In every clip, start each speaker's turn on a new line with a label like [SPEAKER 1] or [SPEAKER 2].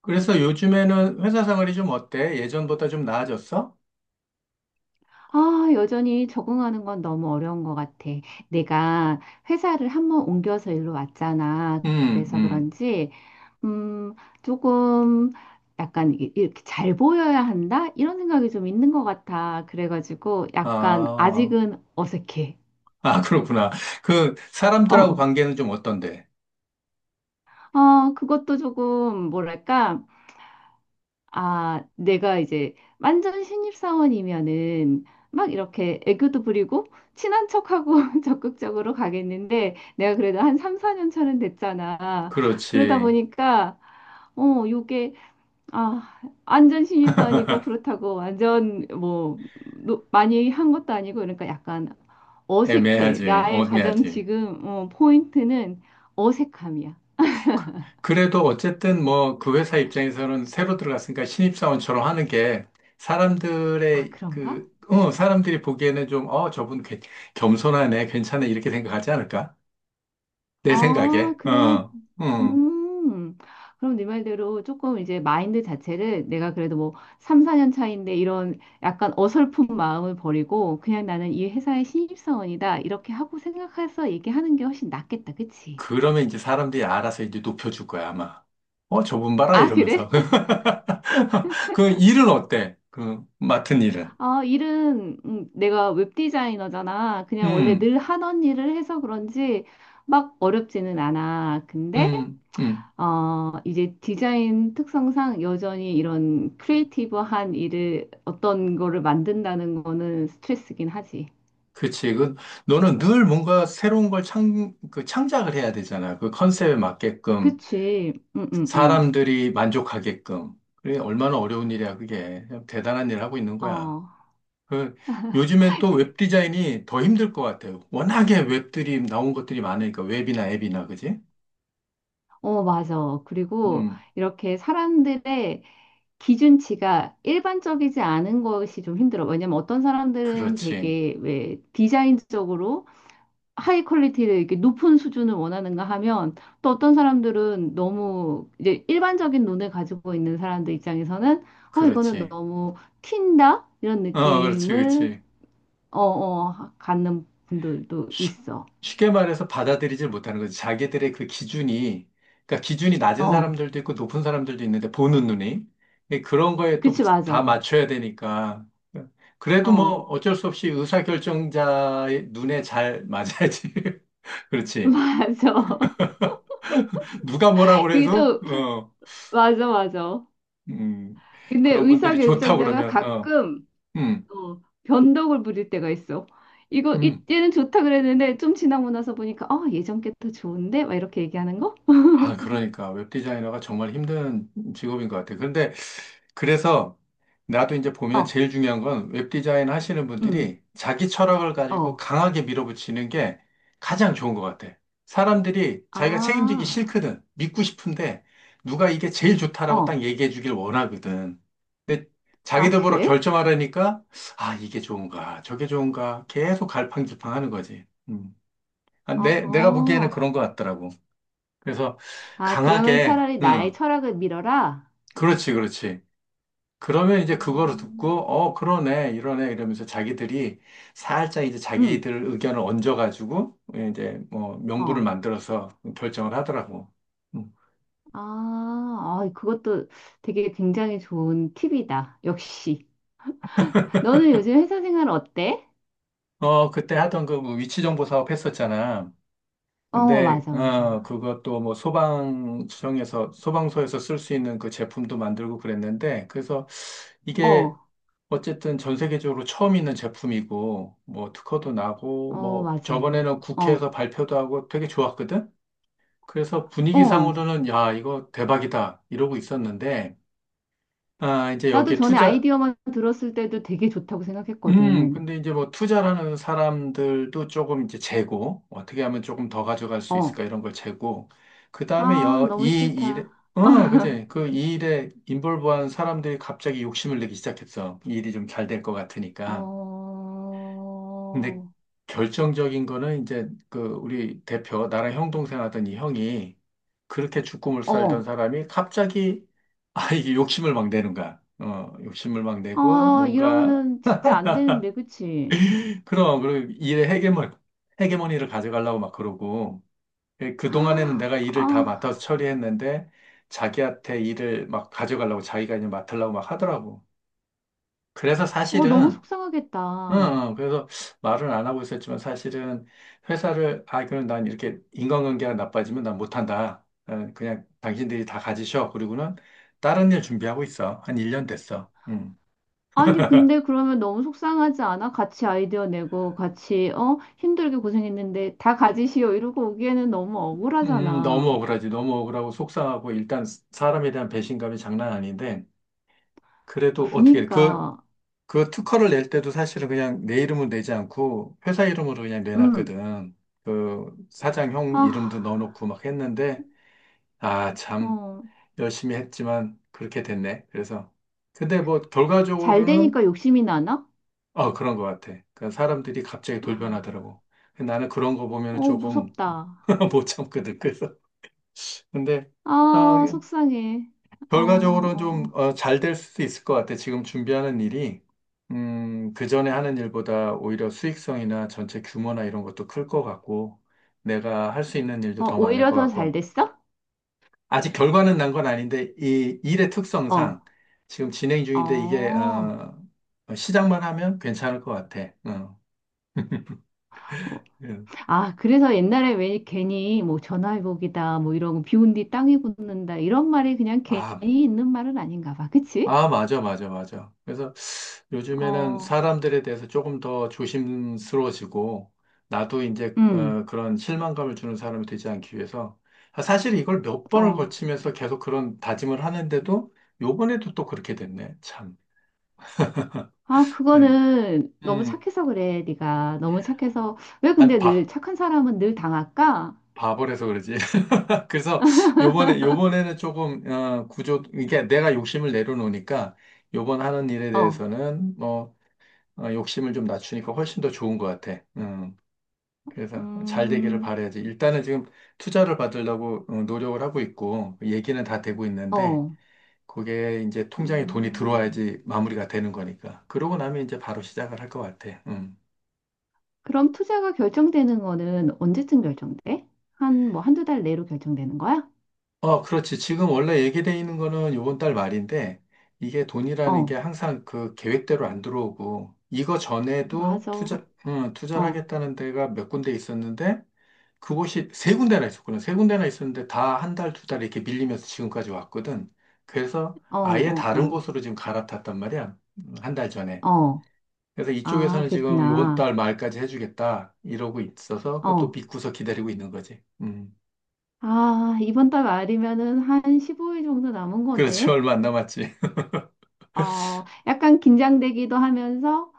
[SPEAKER 1] 그래서 요즘에는 회사 생활이 좀 어때? 예전보다 좀 나아졌어?
[SPEAKER 2] 아, 여전히 적응하는 건 너무 어려운 것 같아. 내가 회사를 한번 옮겨서 일로 왔잖아.
[SPEAKER 1] 음,
[SPEAKER 2] 그래서
[SPEAKER 1] 음.
[SPEAKER 2] 그런지, 음, 조금 약간 이렇게 잘 보여야 한다? 이런 생각이 좀 있는 것 같아. 그래가지고 약간
[SPEAKER 1] 아,
[SPEAKER 2] 아직은 어색해.
[SPEAKER 1] 아, 그렇구나. 그,
[SPEAKER 2] 어,
[SPEAKER 1] 사람들하고
[SPEAKER 2] 어,
[SPEAKER 1] 관계는 좀 어떤데?
[SPEAKER 2] 어, 그것도 조금 뭐랄까. 아, 내가 이제 완전 신입사원이면은 막 이렇게 애교도 부리고 친한 척하고 적극적으로 가겠는데 내가 그래도 한 3, 4년 차는 됐잖아. 그러다
[SPEAKER 1] 그렇지.
[SPEAKER 2] 보니까 요게 아, 완전 신입도 아니고 그렇다고 완전 뭐 많이 한 것도 아니고 그러니까 약간 어색해.
[SPEAKER 1] 애매하지.
[SPEAKER 2] 나의 가장
[SPEAKER 1] 애매하지.
[SPEAKER 2] 지금 포인트는 어색함이야.
[SPEAKER 1] 그- 그래도 어쨌든 뭐 그 회사 입장에서는 새로 들어갔으니까 신입사원처럼 하는 게
[SPEAKER 2] 아,
[SPEAKER 1] 사람들의
[SPEAKER 2] 그런가?
[SPEAKER 1] 그, 어, 사람들이 보기에는 좀, 어, 저분 괜- 겸손하네, 괜찮네, 이렇게 생각하지 않을까? 내
[SPEAKER 2] 아,
[SPEAKER 1] 생각에. 어,
[SPEAKER 2] 그래.
[SPEAKER 1] 어.
[SPEAKER 2] 음, 그럼 네 말대로 조금 이제 마인드 자체를 내가 그래도 뭐 3, 4년 차인데 이런 약간 어설픈 마음을 버리고 그냥 나는 이 회사의 신입사원이다. 이렇게 하고 생각해서 얘기하는 게 훨씬 낫겠다. 그치?
[SPEAKER 1] 그러면 이제 사람들이 알아서 이제 높여줄 거야, 아마. 어, 저분 봐라,
[SPEAKER 2] 아, 그래?
[SPEAKER 1] 이러면서. 그 일은 어때? 그 맡은 일은.
[SPEAKER 2] 아, 일은 내가 웹 디자이너잖아. 그냥 원래
[SPEAKER 1] 음,
[SPEAKER 2] 늘 하던 일을 해서 그런지 막 어렵지는 않아. 근데
[SPEAKER 1] 음, 음.
[SPEAKER 2] 이제 디자인 특성상 여전히 이런 크리에이티브한 일을 어떤 거를 만든다는 거는 스트레스긴 하지.
[SPEAKER 1] 그치. 그, 너는 늘 뭔가 새로운 걸 창, 그 창작을 해야 되잖아. 그 컨셉에 맞게끔,
[SPEAKER 2] 그치? 응, 응, 응.
[SPEAKER 1] 사람들이 만족하게끔. 그래, 얼마나 어려운 일이야, 그게. 그냥 대단한 일을 하고 있는 거야.
[SPEAKER 2] 어,
[SPEAKER 1] 그, 요즘엔 또
[SPEAKER 2] 그-
[SPEAKER 1] 웹 디자인이 더 힘들 것 같아요. 워낙에 웹들이 나온 것들이 많으니까, 웹이나 앱이나, 그지?
[SPEAKER 2] 어, 맞아. 그리고
[SPEAKER 1] 음,
[SPEAKER 2] 이렇게 사람들의 기준치가 일반적이지 않은 것이 좀 힘들어. 왜냐면 어떤 사람들은
[SPEAKER 1] 그렇지.
[SPEAKER 2] 되게 왜 디자인적으로 하이 퀄리티를 이렇게 높은 수준을 원하는가 하면 또 어떤 사람들은 너무 이제 일반적인 눈을 가지고 있는 사람들 입장에서는 이거는
[SPEAKER 1] 그렇지.
[SPEAKER 2] 너무 튄다? 이런
[SPEAKER 1] 어, 그렇지,
[SPEAKER 2] 느낌을
[SPEAKER 1] 그렇지.
[SPEAKER 2] 갖는 분들도
[SPEAKER 1] 쉽-
[SPEAKER 2] 있어.
[SPEAKER 1] 쉽게 말해서 받아들이질 못하는 거지. 자기들의 그 기준이, 그러니까 기준이 낮은
[SPEAKER 2] 어,
[SPEAKER 1] 사람들도 있고 높은 사람들도 있는데 보는 눈이 예, 그런 거에 또
[SPEAKER 2] 그치,
[SPEAKER 1] 다
[SPEAKER 2] 맞아.
[SPEAKER 1] 맞춰야 되니까. 그래도 뭐
[SPEAKER 2] 어,
[SPEAKER 1] 어쩔 수 없이 의사결정자의 눈에 잘 맞아야지. 그렇지.
[SPEAKER 2] 맞아.
[SPEAKER 1] 누가 뭐라고
[SPEAKER 2] 그게
[SPEAKER 1] 그래서,
[SPEAKER 2] 또,
[SPEAKER 1] 어,
[SPEAKER 2] 맞아, 맞아.
[SPEAKER 1] 음,
[SPEAKER 2] 근데
[SPEAKER 1] 그런 분들이 좋다고
[SPEAKER 2] 의사결정자가
[SPEAKER 1] 그러면, 어,
[SPEAKER 2] 가끔
[SPEAKER 1] 음,
[SPEAKER 2] 변덕을 부릴 때가 있어. 이거
[SPEAKER 1] 음.
[SPEAKER 2] 이때는 좋다 그랬는데 좀 지나고 나서 보니까 예전 게 더 좋은데? 막 이렇게 얘기하는 거?
[SPEAKER 1] 아, 그러니까 웹 디자이너가 정말 힘든 직업인 것 같아요. 그런데 그래서 나도 이제 보면
[SPEAKER 2] 어,
[SPEAKER 1] 제일 중요한 건 웹 디자인 하시는
[SPEAKER 2] 음,
[SPEAKER 1] 분들이 자기 철학을 가지고
[SPEAKER 2] 어,
[SPEAKER 1] 강하게 밀어붙이는 게 가장 좋은 것 같아. 사람들이 자기가 책임지기
[SPEAKER 2] 아,
[SPEAKER 1] 싫거든. 믿고 싶은데 누가 이게 제일 좋다라고
[SPEAKER 2] 어,
[SPEAKER 1] 딱 얘기해 주길 원하거든. 근데
[SPEAKER 2] 아,
[SPEAKER 1] 자기들 보러
[SPEAKER 2] 그래?
[SPEAKER 1] 결정하려니까 아, 이게 좋은가, 저게 좋은가 계속 갈팡질팡 하는 거지. 음. 아,
[SPEAKER 2] 어,
[SPEAKER 1] 내가 보기에는
[SPEAKER 2] 어,
[SPEAKER 1] 그런 것 같더라고. 그래서
[SPEAKER 2] 아, 그러면
[SPEAKER 1] 강하게,
[SPEAKER 2] 차라리 나의
[SPEAKER 1] 응,
[SPEAKER 2] 철학을 밀어라.
[SPEAKER 1] 그렇지, 그렇지. 그러면 이제 그거를
[SPEAKER 2] 어,
[SPEAKER 1] 듣고, 어, 그러네, 이러네, 이러면서 자기들이 살짝 이제
[SPEAKER 2] 음,
[SPEAKER 1] 자기들 의견을 얹어가지고, 예, 이제 뭐 명분을
[SPEAKER 2] 어,
[SPEAKER 1] 만들어서 결정을 하더라고. 응.
[SPEAKER 2] 아, 아, 그것도 되게 굉장히 좋은 팁이다. 역시. 너는 요즘 회사 생활 어때?
[SPEAKER 1] 어, 그때 하던 그뭐 위치 정보 사업 했었잖아.
[SPEAKER 2] 어,
[SPEAKER 1] 근데,
[SPEAKER 2] 맞아,
[SPEAKER 1] 어,
[SPEAKER 2] 맞아.
[SPEAKER 1] 그것도 뭐 소방청에서, 소방서에서 쓸 수 있는 그 제품도 만들고 그랬는데, 그래서 이게
[SPEAKER 2] 어,
[SPEAKER 1] 어쨌든 전 세계적으로 처음 있는 제품이고, 뭐 특허도 나고,
[SPEAKER 2] 어,
[SPEAKER 1] 뭐
[SPEAKER 2] 맞아.
[SPEAKER 1] 저번에는
[SPEAKER 2] 어,
[SPEAKER 1] 국회에서 발표도 하고 되게 좋았거든? 그래서
[SPEAKER 2] 어.
[SPEAKER 1] 분위기상으로는 야, 이거 대박이다. 이러고 있었는데, 아, 이제
[SPEAKER 2] 나도
[SPEAKER 1] 여기에
[SPEAKER 2] 전에
[SPEAKER 1] 투자,
[SPEAKER 2] 아이디어만 들었을 때도 되게 좋다고 생각했거든.
[SPEAKER 1] 근데 이제 뭐 투자라는 사람들도 조금 이제 재고, 어떻게 하면 조금 더 가져갈 수
[SPEAKER 2] 어.
[SPEAKER 1] 있을까 이런 걸 재고, 그 다음에
[SPEAKER 2] 아,
[SPEAKER 1] 여,
[SPEAKER 2] 너무
[SPEAKER 1] 이 일에,
[SPEAKER 2] 싫다.
[SPEAKER 1] 어, 그지? 그 이 일에 인볼브한 사람들이 갑자기 욕심을 내기 시작했어. 이 일이 좀 잘 될 것
[SPEAKER 2] 어,
[SPEAKER 1] 같으니까. 근데
[SPEAKER 2] 어,
[SPEAKER 1] 결정적인 거는 이제 그 우리 대표, 나랑 형 동생 하던 이 형이 그렇게 죽고 물 살던
[SPEAKER 2] 어,
[SPEAKER 1] 사람이 갑자기 아, 이게 욕심을 막 내는 거야. 어, 욕심을 막 내고
[SPEAKER 2] 아,
[SPEAKER 1] 뭔가
[SPEAKER 2] 이러면은 진짜 안 되는데, 그치?
[SPEAKER 1] 그럼 그리고 일의 헤게모니를 가져가려고 막 그러고 예, 그동안에는
[SPEAKER 2] 아,
[SPEAKER 1] 내가 일을 다 맡아서
[SPEAKER 2] 아,
[SPEAKER 1] 처리했는데 자기한테 일을 막 가져가려고 자기가 이제 맡으려고 막 하더라고. 그래서
[SPEAKER 2] 어, 너무
[SPEAKER 1] 사실은
[SPEAKER 2] 속상하겠다.
[SPEAKER 1] 응, 그래서 말은 안 하고 있었지만 사실은 회사를, 아, 그럼 난 이렇게 인간관계가 나빠지면 난 못한다. 어, 그냥 당신들이 다 가지셔. 그리고는 다른 일 준비하고 있어. 한 1년 됐어. 음.
[SPEAKER 2] 아니, 근데 그러면 너무 속상하지 않아? 같이 아이디어 내고, 같이, 어, 힘들게 고생했는데, 다 가지시오. 이러고 오기에는 너무
[SPEAKER 1] 너무
[SPEAKER 2] 억울하잖아.
[SPEAKER 1] 억울하지. 너무 억울하고 속상하고 일단 사람에 대한 배신감이 장난 아닌데 그래도 어떻게, 그,
[SPEAKER 2] 그니까,
[SPEAKER 1] 그 특허를 낼 때도 사실은 그냥 내 이름은 내지 않고 회사 이름으로 그냥
[SPEAKER 2] 음,
[SPEAKER 1] 내놨거든. 그 사장 형
[SPEAKER 2] 아,
[SPEAKER 1] 이름도 넣어놓고 막 했는데 아, 참.
[SPEAKER 2] 어.
[SPEAKER 1] 열심히 했지만 그렇게 됐네. 그래서 근데 뭐
[SPEAKER 2] 잘
[SPEAKER 1] 결과적으로는
[SPEAKER 2] 되니까 욕심이 나나?
[SPEAKER 1] 어 그런 것 같아. 그러니까 사람들이 갑자기
[SPEAKER 2] 아,
[SPEAKER 1] 돌변하더라고. 근데 나는 그런 거 보면 은
[SPEAKER 2] 어,
[SPEAKER 1] 조금
[SPEAKER 2] 무섭다.
[SPEAKER 1] 못 참거든. 그래서 근데 어,
[SPEAKER 2] 아, 속상해. 어, 어,
[SPEAKER 1] 결과적으로 좀
[SPEAKER 2] 어.
[SPEAKER 1] 어, 잘될 수도 있을 것 같아. 지금 준비하는 일이 그 전에 하는 일보다 오히려 수익성이나 전체 규모나 이런 것도 클 것 같고 내가 할 수 있는 일도
[SPEAKER 2] 어,
[SPEAKER 1] 더 많을
[SPEAKER 2] 오히려
[SPEAKER 1] 것
[SPEAKER 2] 더 잘
[SPEAKER 1] 같고
[SPEAKER 2] 됐어?
[SPEAKER 1] 아직 결과는 난 건 아닌데 이 일의
[SPEAKER 2] 어,
[SPEAKER 1] 특성상 지금 진행
[SPEAKER 2] 어.
[SPEAKER 1] 중인데 이게
[SPEAKER 2] 어,
[SPEAKER 1] 어, 시작만 하면 괜찮을 것 같아. 어. 예.
[SPEAKER 2] 아, 그래서 옛날에 왜 괜히 뭐 전화위복이다, 뭐 이런 거 비온 뒤 땅이 굳는다, 이런 말이 그냥 괜히
[SPEAKER 1] 아,
[SPEAKER 2] 있는 말은 아닌가 봐. 그치?
[SPEAKER 1] 아, 맞아, 맞아, 맞아. 그래서 요즘에는
[SPEAKER 2] 어,
[SPEAKER 1] 사람들에 대해서 조금 더 조심스러워지고, 나도 이제
[SPEAKER 2] 음,
[SPEAKER 1] 어, 그런 실망감을 주는 사람이 되지 않기 위해서, 아, 사실 이걸 몇 번을
[SPEAKER 2] 어.
[SPEAKER 1] 거치면서 계속 그런 다짐을 하는데도, 요번에도 또 그렇게 됐네, 참.
[SPEAKER 2] 아,
[SPEAKER 1] 음,
[SPEAKER 2] 그거는 너무
[SPEAKER 1] 음,
[SPEAKER 2] 착해서 그래, 네가. 너무 착해서. 왜
[SPEAKER 1] 안
[SPEAKER 2] 근데 늘
[SPEAKER 1] 봐.
[SPEAKER 2] 착한 사람은 늘 당할까?
[SPEAKER 1] 바보라서 그러지. 그래서 요번에는 조금 어, 구조 이게 내가 욕심을 내려놓으니까 요번 하는 일에
[SPEAKER 2] 어,
[SPEAKER 1] 대해서는 뭐 어, 욕심을 좀 낮추니까 훨씬 더 좋은 것 같아. 그래서 잘 되기를
[SPEAKER 2] 음,
[SPEAKER 1] 바라야지. 일단은 지금 투자를 받으려고 어, 노력을 하고 있고 얘기는 다 되고 있는데
[SPEAKER 2] 어.
[SPEAKER 1] 그게 이제 통장에 돈이
[SPEAKER 2] 음.
[SPEAKER 1] 들어와야지 마무리가 되는 거니까. 그러고 나면 이제 바로 시작을 할 것 같아. 음.
[SPEAKER 2] 그럼 투자가 결정되는 거는 언제쯤 결정돼? 한 뭐 한두 달 내로 결정되는 거야?
[SPEAKER 1] 어, 그렇지. 지금 원래 얘기돼 있는 거는 요번 달 말인데, 이게 돈이라는 게
[SPEAKER 2] 어,
[SPEAKER 1] 항상 그 계획대로 안 들어오고, 이거 전에도
[SPEAKER 2] 맞아.
[SPEAKER 1] 투자,
[SPEAKER 2] 어,
[SPEAKER 1] 투자를
[SPEAKER 2] 어,
[SPEAKER 1] 하겠다는 데가 몇 군데 있었는데, 그곳이 세 군데나 있었거든. 세 군데나 있었는데 다 한 달, 두 달 이렇게 밀리면서 지금까지 왔거든. 그래서 아예 다른
[SPEAKER 2] 어,
[SPEAKER 1] 곳으로 지금 갈아탔단 말이야. 한달 전에.
[SPEAKER 2] 어, 어.
[SPEAKER 1] 그래서
[SPEAKER 2] 아,
[SPEAKER 1] 이쪽에서는 지금 요번
[SPEAKER 2] 그랬구나.
[SPEAKER 1] 달 말까지 해주겠다. 이러고 있어서 그것도
[SPEAKER 2] 어.
[SPEAKER 1] 믿고서 기다리고 있는 거지. 음.
[SPEAKER 2] 아, 이번 달 말이면은 한 15일 정도 남은
[SPEAKER 1] 그렇지.
[SPEAKER 2] 거네.
[SPEAKER 1] 얼마 안 남았지.
[SPEAKER 2] 어, 약간 긴장되기도 하면서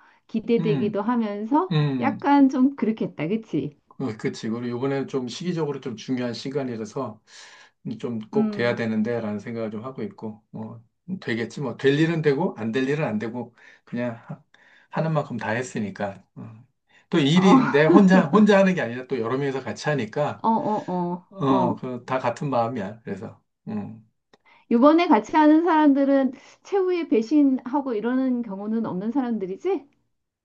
[SPEAKER 1] 음.
[SPEAKER 2] 기대되기도 하면서
[SPEAKER 1] 음.
[SPEAKER 2] 약간 좀 그렇겠다, 그치?
[SPEAKER 1] 그치. 그리고 요번에는 좀 시기적으로 좀 중요한 시간이라서 좀 꼭 돼야
[SPEAKER 2] 음,
[SPEAKER 1] 되는데라는 생각을 좀 하고 있고, 뭐, 되겠지. 뭐, 될 일은 되고, 안 될 일은 안 되고, 그냥 하는 만큼 다 했으니까. 어. 또
[SPEAKER 2] 어,
[SPEAKER 1] 일이 내 혼자, 혼자 하는 게 아니라 또 여러 명이서 같이 하니까,
[SPEAKER 2] 어, 어, 어,
[SPEAKER 1] 어,
[SPEAKER 2] 어.
[SPEAKER 1] 그, 다 같은 마음이야. 그래서, 음.
[SPEAKER 2] 요번에 같이 하는 사람들은 최후에 배신하고 이러는 경우는 없는 사람들이지?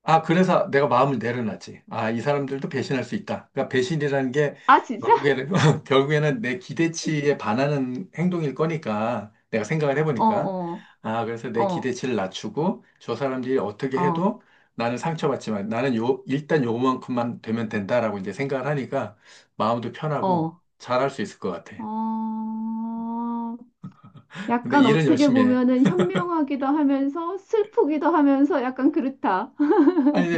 [SPEAKER 1] 아, 그래서 내가 마음을 내려놨지. 아, 이 사람들도 배신할 수 있다. 그러니까 배신이라는 게
[SPEAKER 2] 아, 진짜?
[SPEAKER 1] 결국에는, 결국에는 내 기대치에 반하는 행동일 거니까, 내가 생각을
[SPEAKER 2] 어,
[SPEAKER 1] 해보니까.
[SPEAKER 2] 어,
[SPEAKER 1] 아, 그래서 내
[SPEAKER 2] 어,
[SPEAKER 1] 기대치를 낮추고, 저 사람들이 어떻게
[SPEAKER 2] 어,
[SPEAKER 1] 해도 나는 상처받지만, 나는 요, 일단 요만큼만 되면 된다라고 이제 생각을 하니까, 마음도 편하고,
[SPEAKER 2] 어.
[SPEAKER 1] 잘할 수 있을 것 같아.
[SPEAKER 2] 어,
[SPEAKER 1] 근데
[SPEAKER 2] 약간
[SPEAKER 1] 일은
[SPEAKER 2] 어떻게
[SPEAKER 1] 열심히 해.
[SPEAKER 2] 보면은 현명하기도 하면서 슬프기도 하면서 약간 그렇다.
[SPEAKER 1] 아니,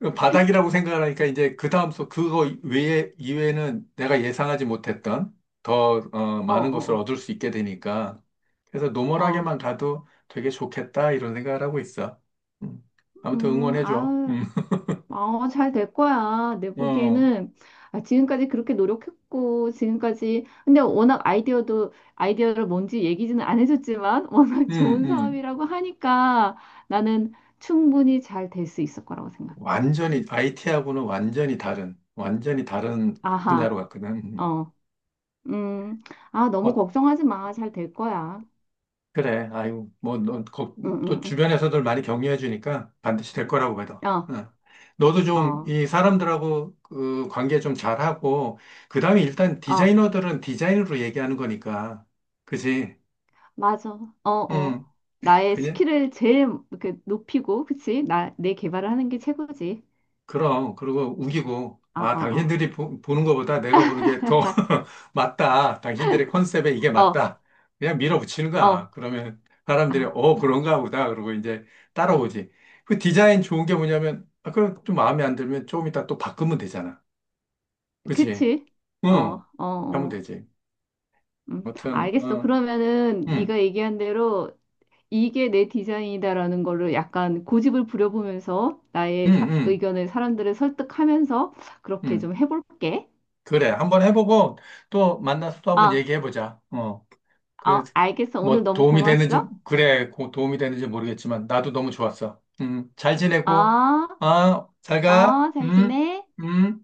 [SPEAKER 1] 그 바닥이라고 생각을 하니까 이제 그 다음 수 그거 외에 이외에는 내가 예상하지 못했던 더 어,
[SPEAKER 2] 어,
[SPEAKER 1] 많은 것을
[SPEAKER 2] 어,
[SPEAKER 1] 얻을 수 있게 되니까 그래서
[SPEAKER 2] 어.
[SPEAKER 1] 노멀하게만 가도 되게 좋겠다 이런 생각을 하고 있어. 음. 아무튼 응원해줘.
[SPEAKER 2] 아유.
[SPEAKER 1] 음.
[SPEAKER 2] 어, 잘 될 거야. 내
[SPEAKER 1] 어,
[SPEAKER 2] 보기에는, 지금까지 그렇게 노력했고 지금까지 근데 워낙 아이디어도 아이디어를 뭔지 얘기지는 안 해줬지만 워낙
[SPEAKER 1] 음,
[SPEAKER 2] 좋은
[SPEAKER 1] 음.
[SPEAKER 2] 사업이라고 하니까 나는 충분히 잘 될 수 있을 거라고 생각해.
[SPEAKER 1] 완전히 IT하고는 완전히 다른 분야로
[SPEAKER 2] 아하,
[SPEAKER 1] 갔거든. 음.
[SPEAKER 2] 어, 음, 아 너무 걱정하지 마. 잘 될 거야.
[SPEAKER 1] 그래. 아유, 뭐, 너, 거-
[SPEAKER 2] 응,
[SPEAKER 1] 또
[SPEAKER 2] 응,
[SPEAKER 1] 주변에서들 많이 격려해 주니까 반드시 될 거라고 믿어.
[SPEAKER 2] 응. 어,
[SPEAKER 1] 응. 너도 좀
[SPEAKER 2] 어,
[SPEAKER 1] 이 사람들하고 그 관계 좀 잘하고, 그 다음에 일단
[SPEAKER 2] 어,
[SPEAKER 1] 디자이너들은 디자인으로 얘기하는 거니까. 그지?
[SPEAKER 2] 맞아. 어, 어.
[SPEAKER 1] 응.
[SPEAKER 2] 나의 스킬을 제일 이렇게 높이고, 그치? 내 개발을 하는 게 최고지.
[SPEAKER 1] 그럼, 그리고 우기고,
[SPEAKER 2] 어,
[SPEAKER 1] 아,
[SPEAKER 2] 어, 어.
[SPEAKER 1] 당신들이 보, 는 것보다 내가 보는 게 더 맞다. 당신들의 컨셉에 이게
[SPEAKER 2] 어,
[SPEAKER 1] 맞다. 그냥 밀어붙이는 거야.
[SPEAKER 2] 어,
[SPEAKER 1] 그러면 사람들이,
[SPEAKER 2] 아,
[SPEAKER 1] 어, 그런가 보다. 그러고 이제 따라오지. 그 디자인 좋은 게 뭐냐면, 아, 그럼 좀 마음에 안 들면 조금 이따 또 바꾸면 되잖아. 그치?
[SPEAKER 2] 그치? 어,
[SPEAKER 1] 응.
[SPEAKER 2] 어,
[SPEAKER 1] 그렇게 하면
[SPEAKER 2] 어,
[SPEAKER 1] 되지. 아무튼,
[SPEAKER 2] 알겠어.
[SPEAKER 1] 어,
[SPEAKER 2] 그러면은
[SPEAKER 1] 응,
[SPEAKER 2] 네가 얘기한 대로 이게 내 디자인이다라는 거를 약간 고집을 부려보면서
[SPEAKER 1] 응,
[SPEAKER 2] 나의
[SPEAKER 1] 응,
[SPEAKER 2] 의견을 사람들을 설득하면서 그렇게
[SPEAKER 1] 응.
[SPEAKER 2] 좀 해볼게.
[SPEAKER 1] 그래. 한번 해보고 또 만나서 또 한번
[SPEAKER 2] 아,
[SPEAKER 1] 얘기해보자. 어.
[SPEAKER 2] 어,
[SPEAKER 1] 그래서
[SPEAKER 2] 알겠어. 오늘
[SPEAKER 1] 뭐
[SPEAKER 2] 너무
[SPEAKER 1] 도움이 되는지
[SPEAKER 2] 고마웠어.
[SPEAKER 1] 그래 도움이 되는지 모르겠지만 나도 너무 좋았어. 잘 지내고
[SPEAKER 2] 아,
[SPEAKER 1] 아, 잘 가.
[SPEAKER 2] 아, 잘 지내?
[SPEAKER 1] 음.